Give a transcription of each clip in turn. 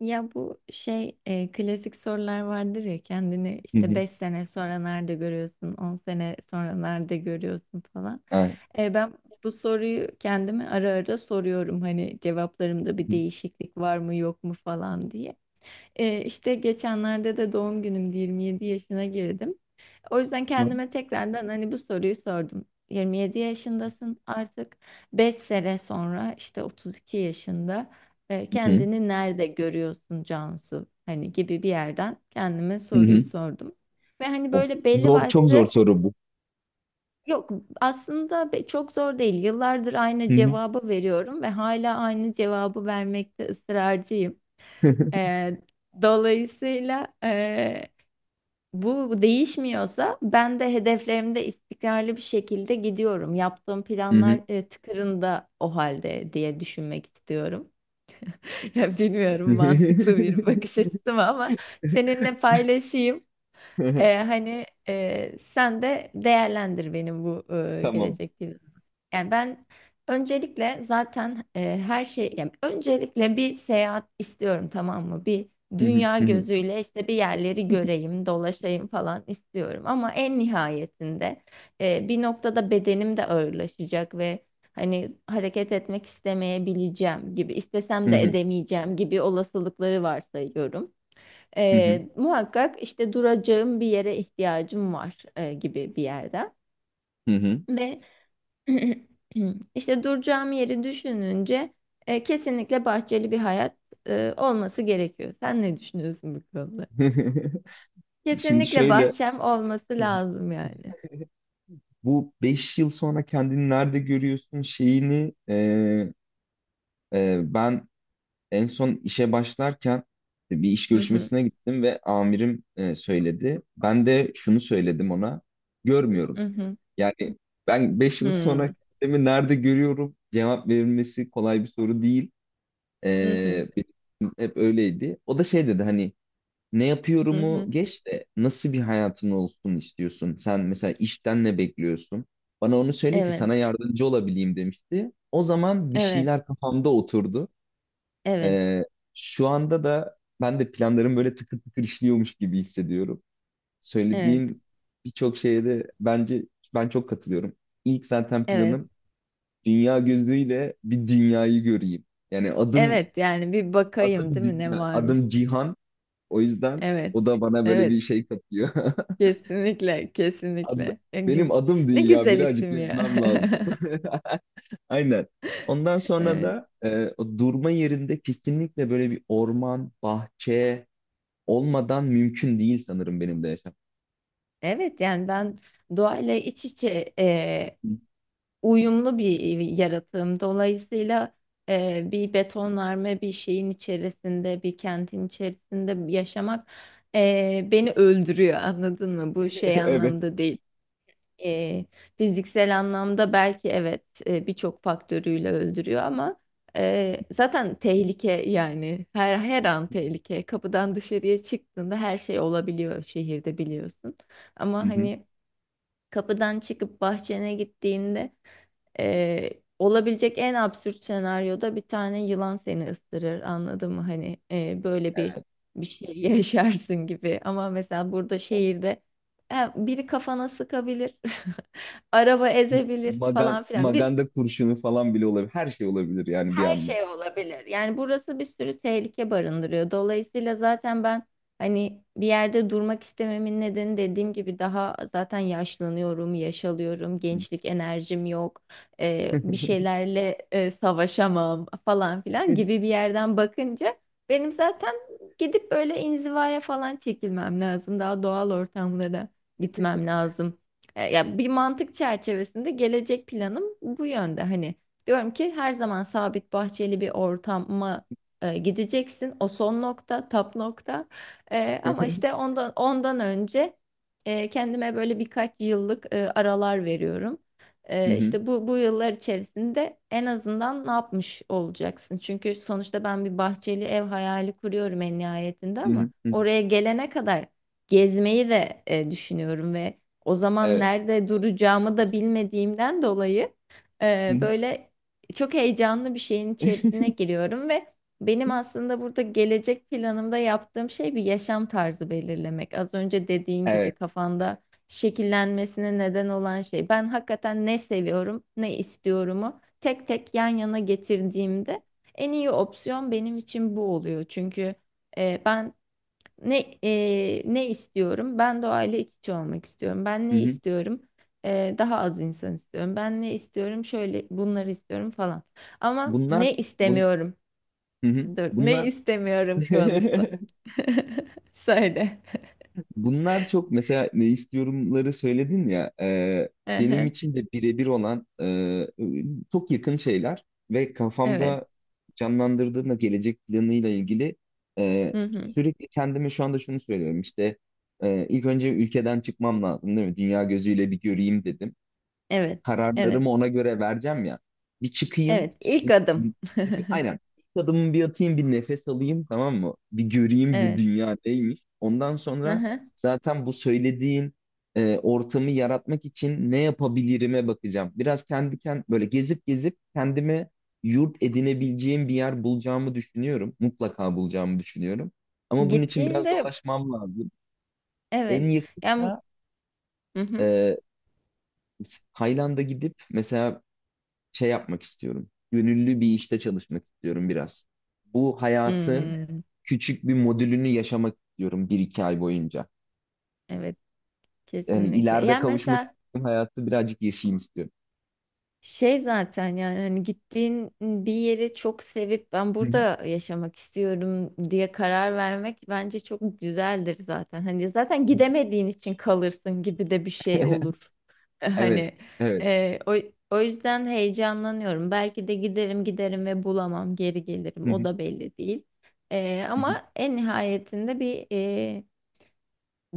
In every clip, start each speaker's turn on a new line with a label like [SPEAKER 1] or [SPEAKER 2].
[SPEAKER 1] Ya bu şey klasik sorular vardır ya kendini
[SPEAKER 2] Hı
[SPEAKER 1] işte
[SPEAKER 2] hı.
[SPEAKER 1] 5 sene sonra nerede görüyorsun, 10 sene sonra nerede görüyorsun falan.
[SPEAKER 2] Ha.
[SPEAKER 1] Ben bu soruyu kendime ara ara soruyorum hani cevaplarımda bir
[SPEAKER 2] Hı
[SPEAKER 1] değişiklik var mı yok mu falan diye. İşte geçenlerde de doğum günümdü 27 yaşına girdim. O yüzden
[SPEAKER 2] hı.
[SPEAKER 1] kendime tekrardan hani bu soruyu sordum. 27 yaşındasın artık. 5 sene sonra işte 32 yaşında
[SPEAKER 2] Hı hı.
[SPEAKER 1] kendini nerede görüyorsun Cansu? Hani gibi bir yerden kendime
[SPEAKER 2] Hı
[SPEAKER 1] soruyu
[SPEAKER 2] hı.
[SPEAKER 1] sordum. Ve hani
[SPEAKER 2] Of,
[SPEAKER 1] böyle belli
[SPEAKER 2] zor, çok zor
[SPEAKER 1] başlı
[SPEAKER 2] soru bu.
[SPEAKER 1] yok, aslında çok zor değil. Yıllardır
[SPEAKER 2] Hı
[SPEAKER 1] aynı
[SPEAKER 2] hı.
[SPEAKER 1] cevabı veriyorum ve hala aynı cevabı vermekte ısrarcıyım. E, dolayısıyla bu değişmiyorsa ben de hedeflerimde istikrarlı bir şekilde gidiyorum. Yaptığım
[SPEAKER 2] Hı hı.
[SPEAKER 1] planlar tıkırında o halde diye düşünmek istiyorum. Ya bilmiyorum mantıklı bir bakış açısı mı ama seninle paylaşayım. Hani sen de değerlendir benim bu
[SPEAKER 2] Tamam.
[SPEAKER 1] gelecek planımı. Yani ben öncelikle zaten yani öncelikle bir seyahat istiyorum, tamam mı? Bir
[SPEAKER 2] Hı hı.
[SPEAKER 1] dünya
[SPEAKER 2] Hı hı.
[SPEAKER 1] gözüyle işte bir yerleri göreyim, dolaşayım falan istiyorum. Ama en nihayetinde bir noktada bedenim de ağırlaşacak ve hani hareket etmek istemeyebileceğim gibi,
[SPEAKER 2] Hı
[SPEAKER 1] istesem de
[SPEAKER 2] hı.
[SPEAKER 1] edemeyeceğim gibi olasılıkları varsayıyorum.
[SPEAKER 2] Hı hı.
[SPEAKER 1] Muhakkak işte duracağım bir yere ihtiyacım var gibi bir yerden.
[SPEAKER 2] Hı hı.
[SPEAKER 1] Ve işte duracağım yeri düşününce kesinlikle bahçeli bir hayat olması gerekiyor. Sen ne düşünüyorsun bu konuda?
[SPEAKER 2] Şimdi
[SPEAKER 1] Kesinlikle
[SPEAKER 2] şöyle.
[SPEAKER 1] bahçem olması
[SPEAKER 2] Hı hı.
[SPEAKER 1] lazım yani.
[SPEAKER 2] Bu 5 yıl sonra kendini nerede görüyorsun şeyini, ben en son işe başlarken bir iş
[SPEAKER 1] Hı hı,
[SPEAKER 2] görüşmesine gittim ve amirim söyledi. Ben de şunu söyledim ona. Görmüyorum.
[SPEAKER 1] hı hı,
[SPEAKER 2] Yani ben 5 yıl sonra
[SPEAKER 1] hı,
[SPEAKER 2] kendimi nerede görüyorum cevap verilmesi kolay bir soru değil.
[SPEAKER 1] hı hı,
[SPEAKER 2] Benim için hep öyleydi. O da şey dedi hani ne
[SPEAKER 1] hı
[SPEAKER 2] yapıyorumu
[SPEAKER 1] hı.
[SPEAKER 2] geç de nasıl bir hayatın olsun istiyorsun? Sen mesela işten ne bekliyorsun? Bana onu söyle ki
[SPEAKER 1] Evet,
[SPEAKER 2] sana yardımcı olabileyim demişti. O zaman bir
[SPEAKER 1] evet,
[SPEAKER 2] şeyler kafamda oturdu.
[SPEAKER 1] evet,
[SPEAKER 2] Ee, şu anda da ben de planlarım böyle tıkır tıkır işliyormuş gibi hissediyorum.
[SPEAKER 1] evet,
[SPEAKER 2] Söylediğin birçok şeye de bence ben çok katılıyorum. İlk zaten
[SPEAKER 1] evet,
[SPEAKER 2] planım dünya gözüyle bir dünyayı göreyim. Yani adım
[SPEAKER 1] evet. Yani bir bakayım,
[SPEAKER 2] adım
[SPEAKER 1] değil mi, ne
[SPEAKER 2] dünya, adım
[SPEAKER 1] varmış?
[SPEAKER 2] cihan. O yüzden
[SPEAKER 1] Evet,
[SPEAKER 2] o da bana böyle bir
[SPEAKER 1] evet.
[SPEAKER 2] şey katıyor.
[SPEAKER 1] Kesinlikle,
[SPEAKER 2] Ad-
[SPEAKER 1] kesinlikle. Ya
[SPEAKER 2] Benim adım
[SPEAKER 1] ne
[SPEAKER 2] dünya
[SPEAKER 1] güzel
[SPEAKER 2] birazcık
[SPEAKER 1] isim ya.
[SPEAKER 2] gezmem lazım. Aynen. Ondan sonra
[SPEAKER 1] Evet.
[SPEAKER 2] da o durma yerinde kesinlikle böyle bir orman, bahçe olmadan mümkün değil sanırım benim de yaşam.
[SPEAKER 1] Evet yani ben doğayla iç içe, uyumlu bir yaratığım. Dolayısıyla bir betonarme bir şeyin içerisinde, bir kentin içerisinde yaşamak beni öldürüyor. Anladın mı? Bu şey anlamda değil. E, fiziksel anlamda belki evet, birçok faktörüyle öldürüyor ama zaten tehlike, yani her an tehlike. Kapıdan dışarıya çıktığında her şey olabiliyor şehirde biliyorsun. Ama
[SPEAKER 2] Evet.
[SPEAKER 1] hani kapıdan çıkıp bahçene gittiğinde e, olabilecek en absürt senaryoda bir tane yılan seni ısırır. Anladın mı? Hani böyle bir şey yaşarsın gibi. Ama mesela burada şehirde biri kafana sıkabilir, araba ezebilir
[SPEAKER 2] Magan,
[SPEAKER 1] falan filan. Bir
[SPEAKER 2] maganda kurşunu falan bile olabilir. Her şey olabilir yani bir
[SPEAKER 1] her
[SPEAKER 2] anda.
[SPEAKER 1] şey olabilir. Yani burası bir sürü tehlike barındırıyor. Dolayısıyla zaten ben hani bir yerde durmak istememin nedeni dediğim gibi daha zaten yaşlanıyorum, yaşalıyorum, gençlik enerjim yok, bir şeylerle savaşamam falan filan gibi bir yerden bakınca benim zaten gidip böyle inzivaya falan çekilmem lazım. Daha doğal ortamlara gitmem lazım. Ya bir mantık çerçevesinde gelecek planım bu yönde hani. Diyorum ki her zaman sabit bahçeli bir ortama gideceksin. O son nokta, tap nokta. Ama işte ondan önce kendime böyle birkaç yıllık aralar veriyorum.
[SPEAKER 2] Hı hı,
[SPEAKER 1] İşte bu yıllar içerisinde en azından ne yapmış olacaksın? Çünkü sonuçta ben bir bahçeli ev hayali kuruyorum en nihayetinde
[SPEAKER 2] hı
[SPEAKER 1] ama
[SPEAKER 2] hı, hı hı.
[SPEAKER 1] oraya gelene kadar gezmeyi de düşünüyorum ve o zaman
[SPEAKER 2] Evet.
[SPEAKER 1] nerede duracağımı da bilmediğimden dolayı
[SPEAKER 2] Hı hı.
[SPEAKER 1] böyle çok heyecanlı bir şeyin içerisine giriyorum ve benim aslında burada gelecek planımda yaptığım şey bir yaşam tarzı belirlemek. Az önce dediğin gibi
[SPEAKER 2] Evet.
[SPEAKER 1] kafanda şekillenmesine neden olan şey. Ben hakikaten ne seviyorum, ne istiyorumu tek tek yan yana getirdiğimde en iyi opsiyon benim için bu oluyor. Çünkü ben ne istiyorum? Ben doğayla iç içe olmak istiyorum. Ben
[SPEAKER 2] Hı
[SPEAKER 1] ne
[SPEAKER 2] hı.
[SPEAKER 1] istiyorum? Daha az insan istiyorum. Ben ne istiyorum? Şöyle bunları istiyorum falan. Ama
[SPEAKER 2] Bunlar,
[SPEAKER 1] ne
[SPEAKER 2] bun,
[SPEAKER 1] istemiyorum?
[SPEAKER 2] hı hı.
[SPEAKER 1] Dur, ne
[SPEAKER 2] Bunlar.
[SPEAKER 1] istemiyorum konusu. Söyle.
[SPEAKER 2] Bunlar çok mesela ne istiyorumları söyledin ya, benim
[SPEAKER 1] Ehe,
[SPEAKER 2] için de birebir olan, çok yakın şeyler ve
[SPEAKER 1] evet.
[SPEAKER 2] kafamda canlandırdığımda gelecek planıyla ilgili, e,
[SPEAKER 1] Hı hı.
[SPEAKER 2] sürekli kendime şu anda şunu söylüyorum işte, ilk önce ülkeden çıkmam lazım değil mi? Dünya gözüyle bir göreyim dedim,
[SPEAKER 1] Evet. Evet.
[SPEAKER 2] kararlarımı ona göre vereceğim ya. Bir çıkayım.
[SPEAKER 1] Evet. İlk
[SPEAKER 2] bir-
[SPEAKER 1] adım.
[SPEAKER 2] bir- nef- aynen. İlk adımımı bir atayım, bir nefes alayım tamam mı? Bir göreyim bu
[SPEAKER 1] Evet.
[SPEAKER 2] dünya neymiş. Ondan
[SPEAKER 1] Hı
[SPEAKER 2] sonra
[SPEAKER 1] hı.
[SPEAKER 2] zaten bu söylediğin ortamı yaratmak için ne yapabilirime bakacağım. Biraz kendi böyle gezip gezip kendime yurt edinebileceğim bir yer bulacağımı düşünüyorum. Mutlaka bulacağımı düşünüyorum. Ama bunun için biraz
[SPEAKER 1] Gittiğinde
[SPEAKER 2] dolaşmam lazım.
[SPEAKER 1] evet.
[SPEAKER 2] En
[SPEAKER 1] Yani
[SPEAKER 2] yakında
[SPEAKER 1] hı hı.
[SPEAKER 2] e, Tayland'a gidip mesela şey yapmak istiyorum. Gönüllü bir işte çalışmak istiyorum biraz. Bu hayatın
[SPEAKER 1] Hmm,
[SPEAKER 2] küçük bir modülünü yaşamak istiyorum bir iki ay boyunca.
[SPEAKER 1] evet.
[SPEAKER 2] Yani
[SPEAKER 1] Kesinlikle.
[SPEAKER 2] ileride
[SPEAKER 1] Yani
[SPEAKER 2] kavuşmak
[SPEAKER 1] mesela
[SPEAKER 2] istediğim hayatı birazcık yaşayayım istiyorum.
[SPEAKER 1] şey zaten yani hani gittiğin bir yeri çok sevip ben burada yaşamak istiyorum diye karar vermek bence çok güzeldir zaten. Hani zaten gidemediğin için kalırsın gibi de bir şey olur.
[SPEAKER 2] Evet,
[SPEAKER 1] Hani
[SPEAKER 2] evet.
[SPEAKER 1] e, o, o yüzden heyecanlanıyorum. Belki de giderim giderim ve bulamam geri gelirim, o da belli değil. Ama en nihayetinde bir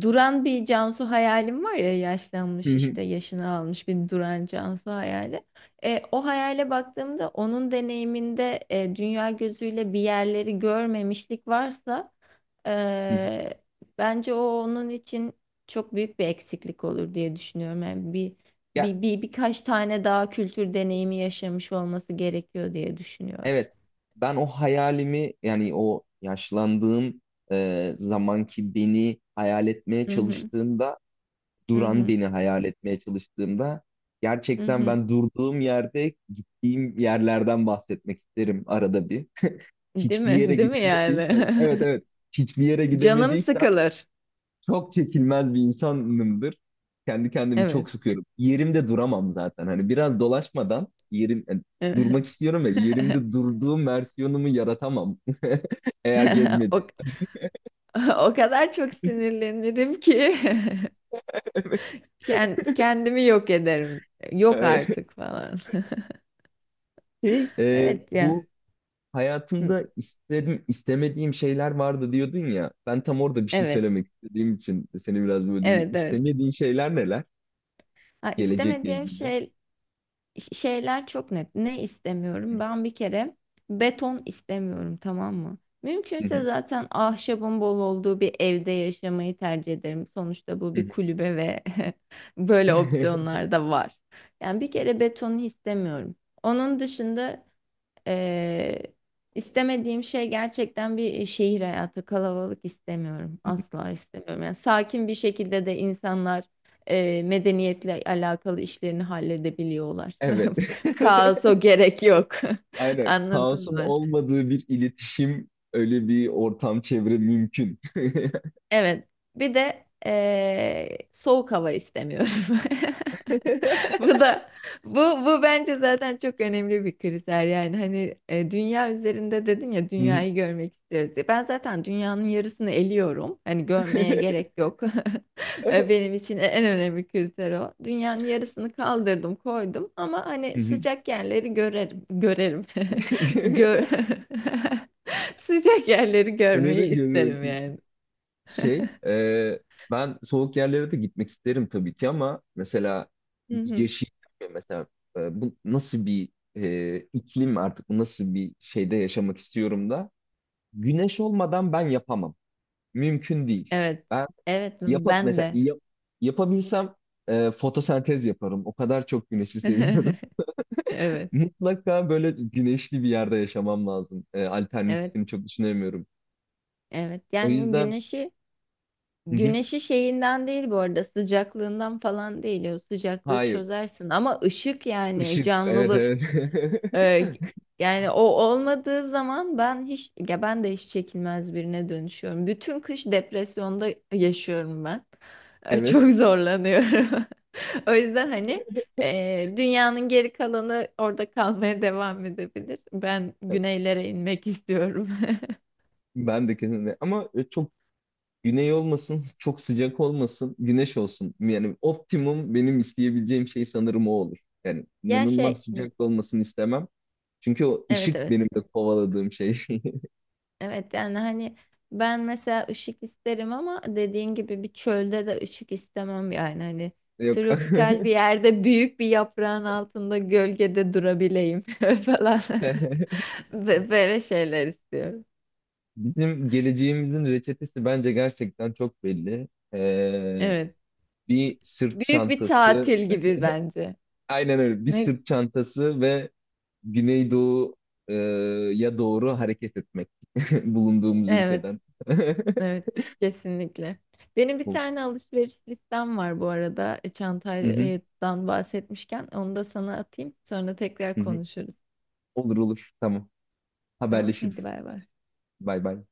[SPEAKER 1] duran bir Cansu hayalim var ya, yaşlanmış işte yaşını almış bir duran Cansu hayali. O hayale baktığımda onun deneyiminde dünya gözüyle bir yerleri görmemişlik varsa e, bence o onun için çok büyük bir eksiklik olur diye düşünüyorum. Yani
[SPEAKER 2] Ya
[SPEAKER 1] bir birkaç tane daha kültür deneyimi yaşamış olması gerekiyor diye düşünüyorum.
[SPEAKER 2] evet. Ben o hayalimi yani o yaşlandığım zamanki beni hayal etmeye
[SPEAKER 1] Hı hı,
[SPEAKER 2] çalıştığımda,
[SPEAKER 1] hı
[SPEAKER 2] duran
[SPEAKER 1] hı,
[SPEAKER 2] beni hayal etmeye çalıştığımda
[SPEAKER 1] hı
[SPEAKER 2] gerçekten
[SPEAKER 1] hı.
[SPEAKER 2] ben durduğum yerde gittiğim yerlerden bahsetmek isterim arada bir.
[SPEAKER 1] Değil
[SPEAKER 2] Hiçbir
[SPEAKER 1] mi?
[SPEAKER 2] yere
[SPEAKER 1] Değil mi yani?
[SPEAKER 2] gidemediysem, evet evet, hiçbir yere
[SPEAKER 1] Canım
[SPEAKER 2] gidemediysem
[SPEAKER 1] sıkılır.
[SPEAKER 2] çok çekilmez bir insanımdır. Kendi kendimi
[SPEAKER 1] Evet.
[SPEAKER 2] çok sıkıyorum. Yerimde duramam zaten. Hani biraz dolaşmadan yerim yani, durmak istiyorum ve yerimde durduğum versiyonumu yaratamam. Eğer
[SPEAKER 1] O,
[SPEAKER 2] gezmediysem.
[SPEAKER 1] o kadar çok sinirlenirim ki kendimi yok ederim. Yok artık falan.
[SPEAKER 2] Şey, e,
[SPEAKER 1] Evet ya.
[SPEAKER 2] bu
[SPEAKER 1] Hı,
[SPEAKER 2] hayatımda isterim, istemediğim şeyler vardı diyordun ya. Ben tam orada bir şey
[SPEAKER 1] evet.
[SPEAKER 2] söylemek istediğim için seni biraz böldüm. Bu
[SPEAKER 1] Evet evet.
[SPEAKER 2] İstemediğin şeyler neler?
[SPEAKER 1] Ha,
[SPEAKER 2] Gelecekle
[SPEAKER 1] istemediğim
[SPEAKER 2] ilgili.
[SPEAKER 1] şey şeyler çok net. Ne istemiyorum? Ben bir kere beton istemiyorum, tamam mı?
[SPEAKER 2] Hı
[SPEAKER 1] Mümkünse
[SPEAKER 2] hı,
[SPEAKER 1] zaten ahşabın bol olduğu bir evde yaşamayı tercih ederim. Sonuçta bu
[SPEAKER 2] hı
[SPEAKER 1] bir
[SPEAKER 2] hı,
[SPEAKER 1] kulübe ve böyle
[SPEAKER 2] hı
[SPEAKER 1] opsiyonlar da var. Yani bir kere betonu istemiyorum. Onun dışında ee, istemediğim şey gerçekten bir şehir hayatı. Kalabalık istemiyorum.
[SPEAKER 2] hı.
[SPEAKER 1] Asla istemiyorum. Yani sakin bir şekilde de insanlar medeniyetle alakalı işlerini halledebiliyorlar.
[SPEAKER 2] Evet.
[SPEAKER 1] Kaos o gerek yok.
[SPEAKER 2] Aynen.
[SPEAKER 1] Anladın
[SPEAKER 2] Kaosun
[SPEAKER 1] mı?
[SPEAKER 2] olmadığı bir iletişim, öyle bir ortam, çevre mümkün.
[SPEAKER 1] Evet. Bir de soğuk hava istemiyorum. Bu da bu bu bence zaten çok önemli bir kriter yani hani dünya üzerinde dedin ya
[SPEAKER 2] Hı hı.
[SPEAKER 1] dünyayı görmek istiyoruz diye. Ben zaten dünyanın yarısını eliyorum. Hani görmeye gerek yok. Benim için en önemli kriter o. Dünyanın yarısını kaldırdım, koydum ama
[SPEAKER 2] Hı
[SPEAKER 1] hani
[SPEAKER 2] hı.
[SPEAKER 1] sıcak yerleri görerim, görerim. Gör sıcak yerleri
[SPEAKER 2] Neleri
[SPEAKER 1] görmeyi
[SPEAKER 2] görüyoruz?
[SPEAKER 1] isterim yani.
[SPEAKER 2] Şey, e, ben soğuk yerlere de gitmek isterim tabii ki ama mesela
[SPEAKER 1] Hı hı.
[SPEAKER 2] yeşil, mesela bu nasıl bir iklim artık, bu nasıl bir şeyde yaşamak istiyorum da güneş olmadan ben yapamam. Mümkün değil.
[SPEAKER 1] Evet.
[SPEAKER 2] Ben
[SPEAKER 1] Evet
[SPEAKER 2] yapıp
[SPEAKER 1] ben
[SPEAKER 2] mesela
[SPEAKER 1] de.
[SPEAKER 2] yapabilsem fotosentez yaparım. O kadar çok güneşi seviyorum.
[SPEAKER 1] Evet.
[SPEAKER 2] Mutlaka böyle güneşli bir yerde yaşamam lazım. E,
[SPEAKER 1] Evet.
[SPEAKER 2] alternatifini çok düşünemiyorum.
[SPEAKER 1] Evet
[SPEAKER 2] O
[SPEAKER 1] yani
[SPEAKER 2] yüzden
[SPEAKER 1] güneşi
[SPEAKER 2] hı hı,
[SPEAKER 1] güneşi şeyinden değil bu arada, sıcaklığından falan değil, o sıcaklığı
[SPEAKER 2] hayır.
[SPEAKER 1] çözersin ama ışık yani
[SPEAKER 2] Işık, evet
[SPEAKER 1] canlılık,
[SPEAKER 2] evet.
[SPEAKER 1] e, yani o olmadığı zaman ben hiç, ya ben de hiç çekilmez birine dönüşüyorum. Bütün kış depresyonda yaşıyorum ben. Çok
[SPEAKER 2] Evet.
[SPEAKER 1] zorlanıyorum. O yüzden hani dünyanın geri kalanı orada kalmaya devam edebilir. Ben güneylere inmek istiyorum.
[SPEAKER 2] Ben de kesinlikle. Ama çok güney olmasın, çok sıcak olmasın, güneş olsun. Yani optimum benim isteyebileceğim şey sanırım o olur. Yani
[SPEAKER 1] Ya
[SPEAKER 2] inanılmaz
[SPEAKER 1] şey
[SPEAKER 2] sıcak da olmasını istemem. Çünkü o
[SPEAKER 1] evet
[SPEAKER 2] ışık
[SPEAKER 1] evet.
[SPEAKER 2] benim de kovaladığım şey.
[SPEAKER 1] Evet yani hani ben mesela ışık isterim ama dediğin gibi bir çölde de ışık istemem yani hani
[SPEAKER 2] Yok.
[SPEAKER 1] tropikal bir yerde büyük bir yaprağın altında gölgede durabileyim falan. Böyle şeyler istiyorum.
[SPEAKER 2] Bizim geleceğimizin reçetesi bence gerçekten çok belli. Ee,
[SPEAKER 1] Evet.
[SPEAKER 2] bir sırt
[SPEAKER 1] Büyük bir
[SPEAKER 2] çantası,
[SPEAKER 1] tatil gibi bence.
[SPEAKER 2] aynen öyle. Bir
[SPEAKER 1] Ne?
[SPEAKER 2] sırt çantası ve güneydoğuya doğru hareket etmek bulunduğumuz
[SPEAKER 1] Evet,
[SPEAKER 2] ülkeden.
[SPEAKER 1] evet kesinlikle. Benim bir
[SPEAKER 2] Ol-
[SPEAKER 1] tane alışveriş listem var bu arada.
[SPEAKER 2] Hı hı,
[SPEAKER 1] Çantadan bahsetmişken onu da sana atayım. Sonra tekrar
[SPEAKER 2] hı hı.
[SPEAKER 1] konuşuruz.
[SPEAKER 2] Olur olur. Tamam.
[SPEAKER 1] Tamam, hadi
[SPEAKER 2] Haberleşiriz.
[SPEAKER 1] bay bay.
[SPEAKER 2] Bay bay.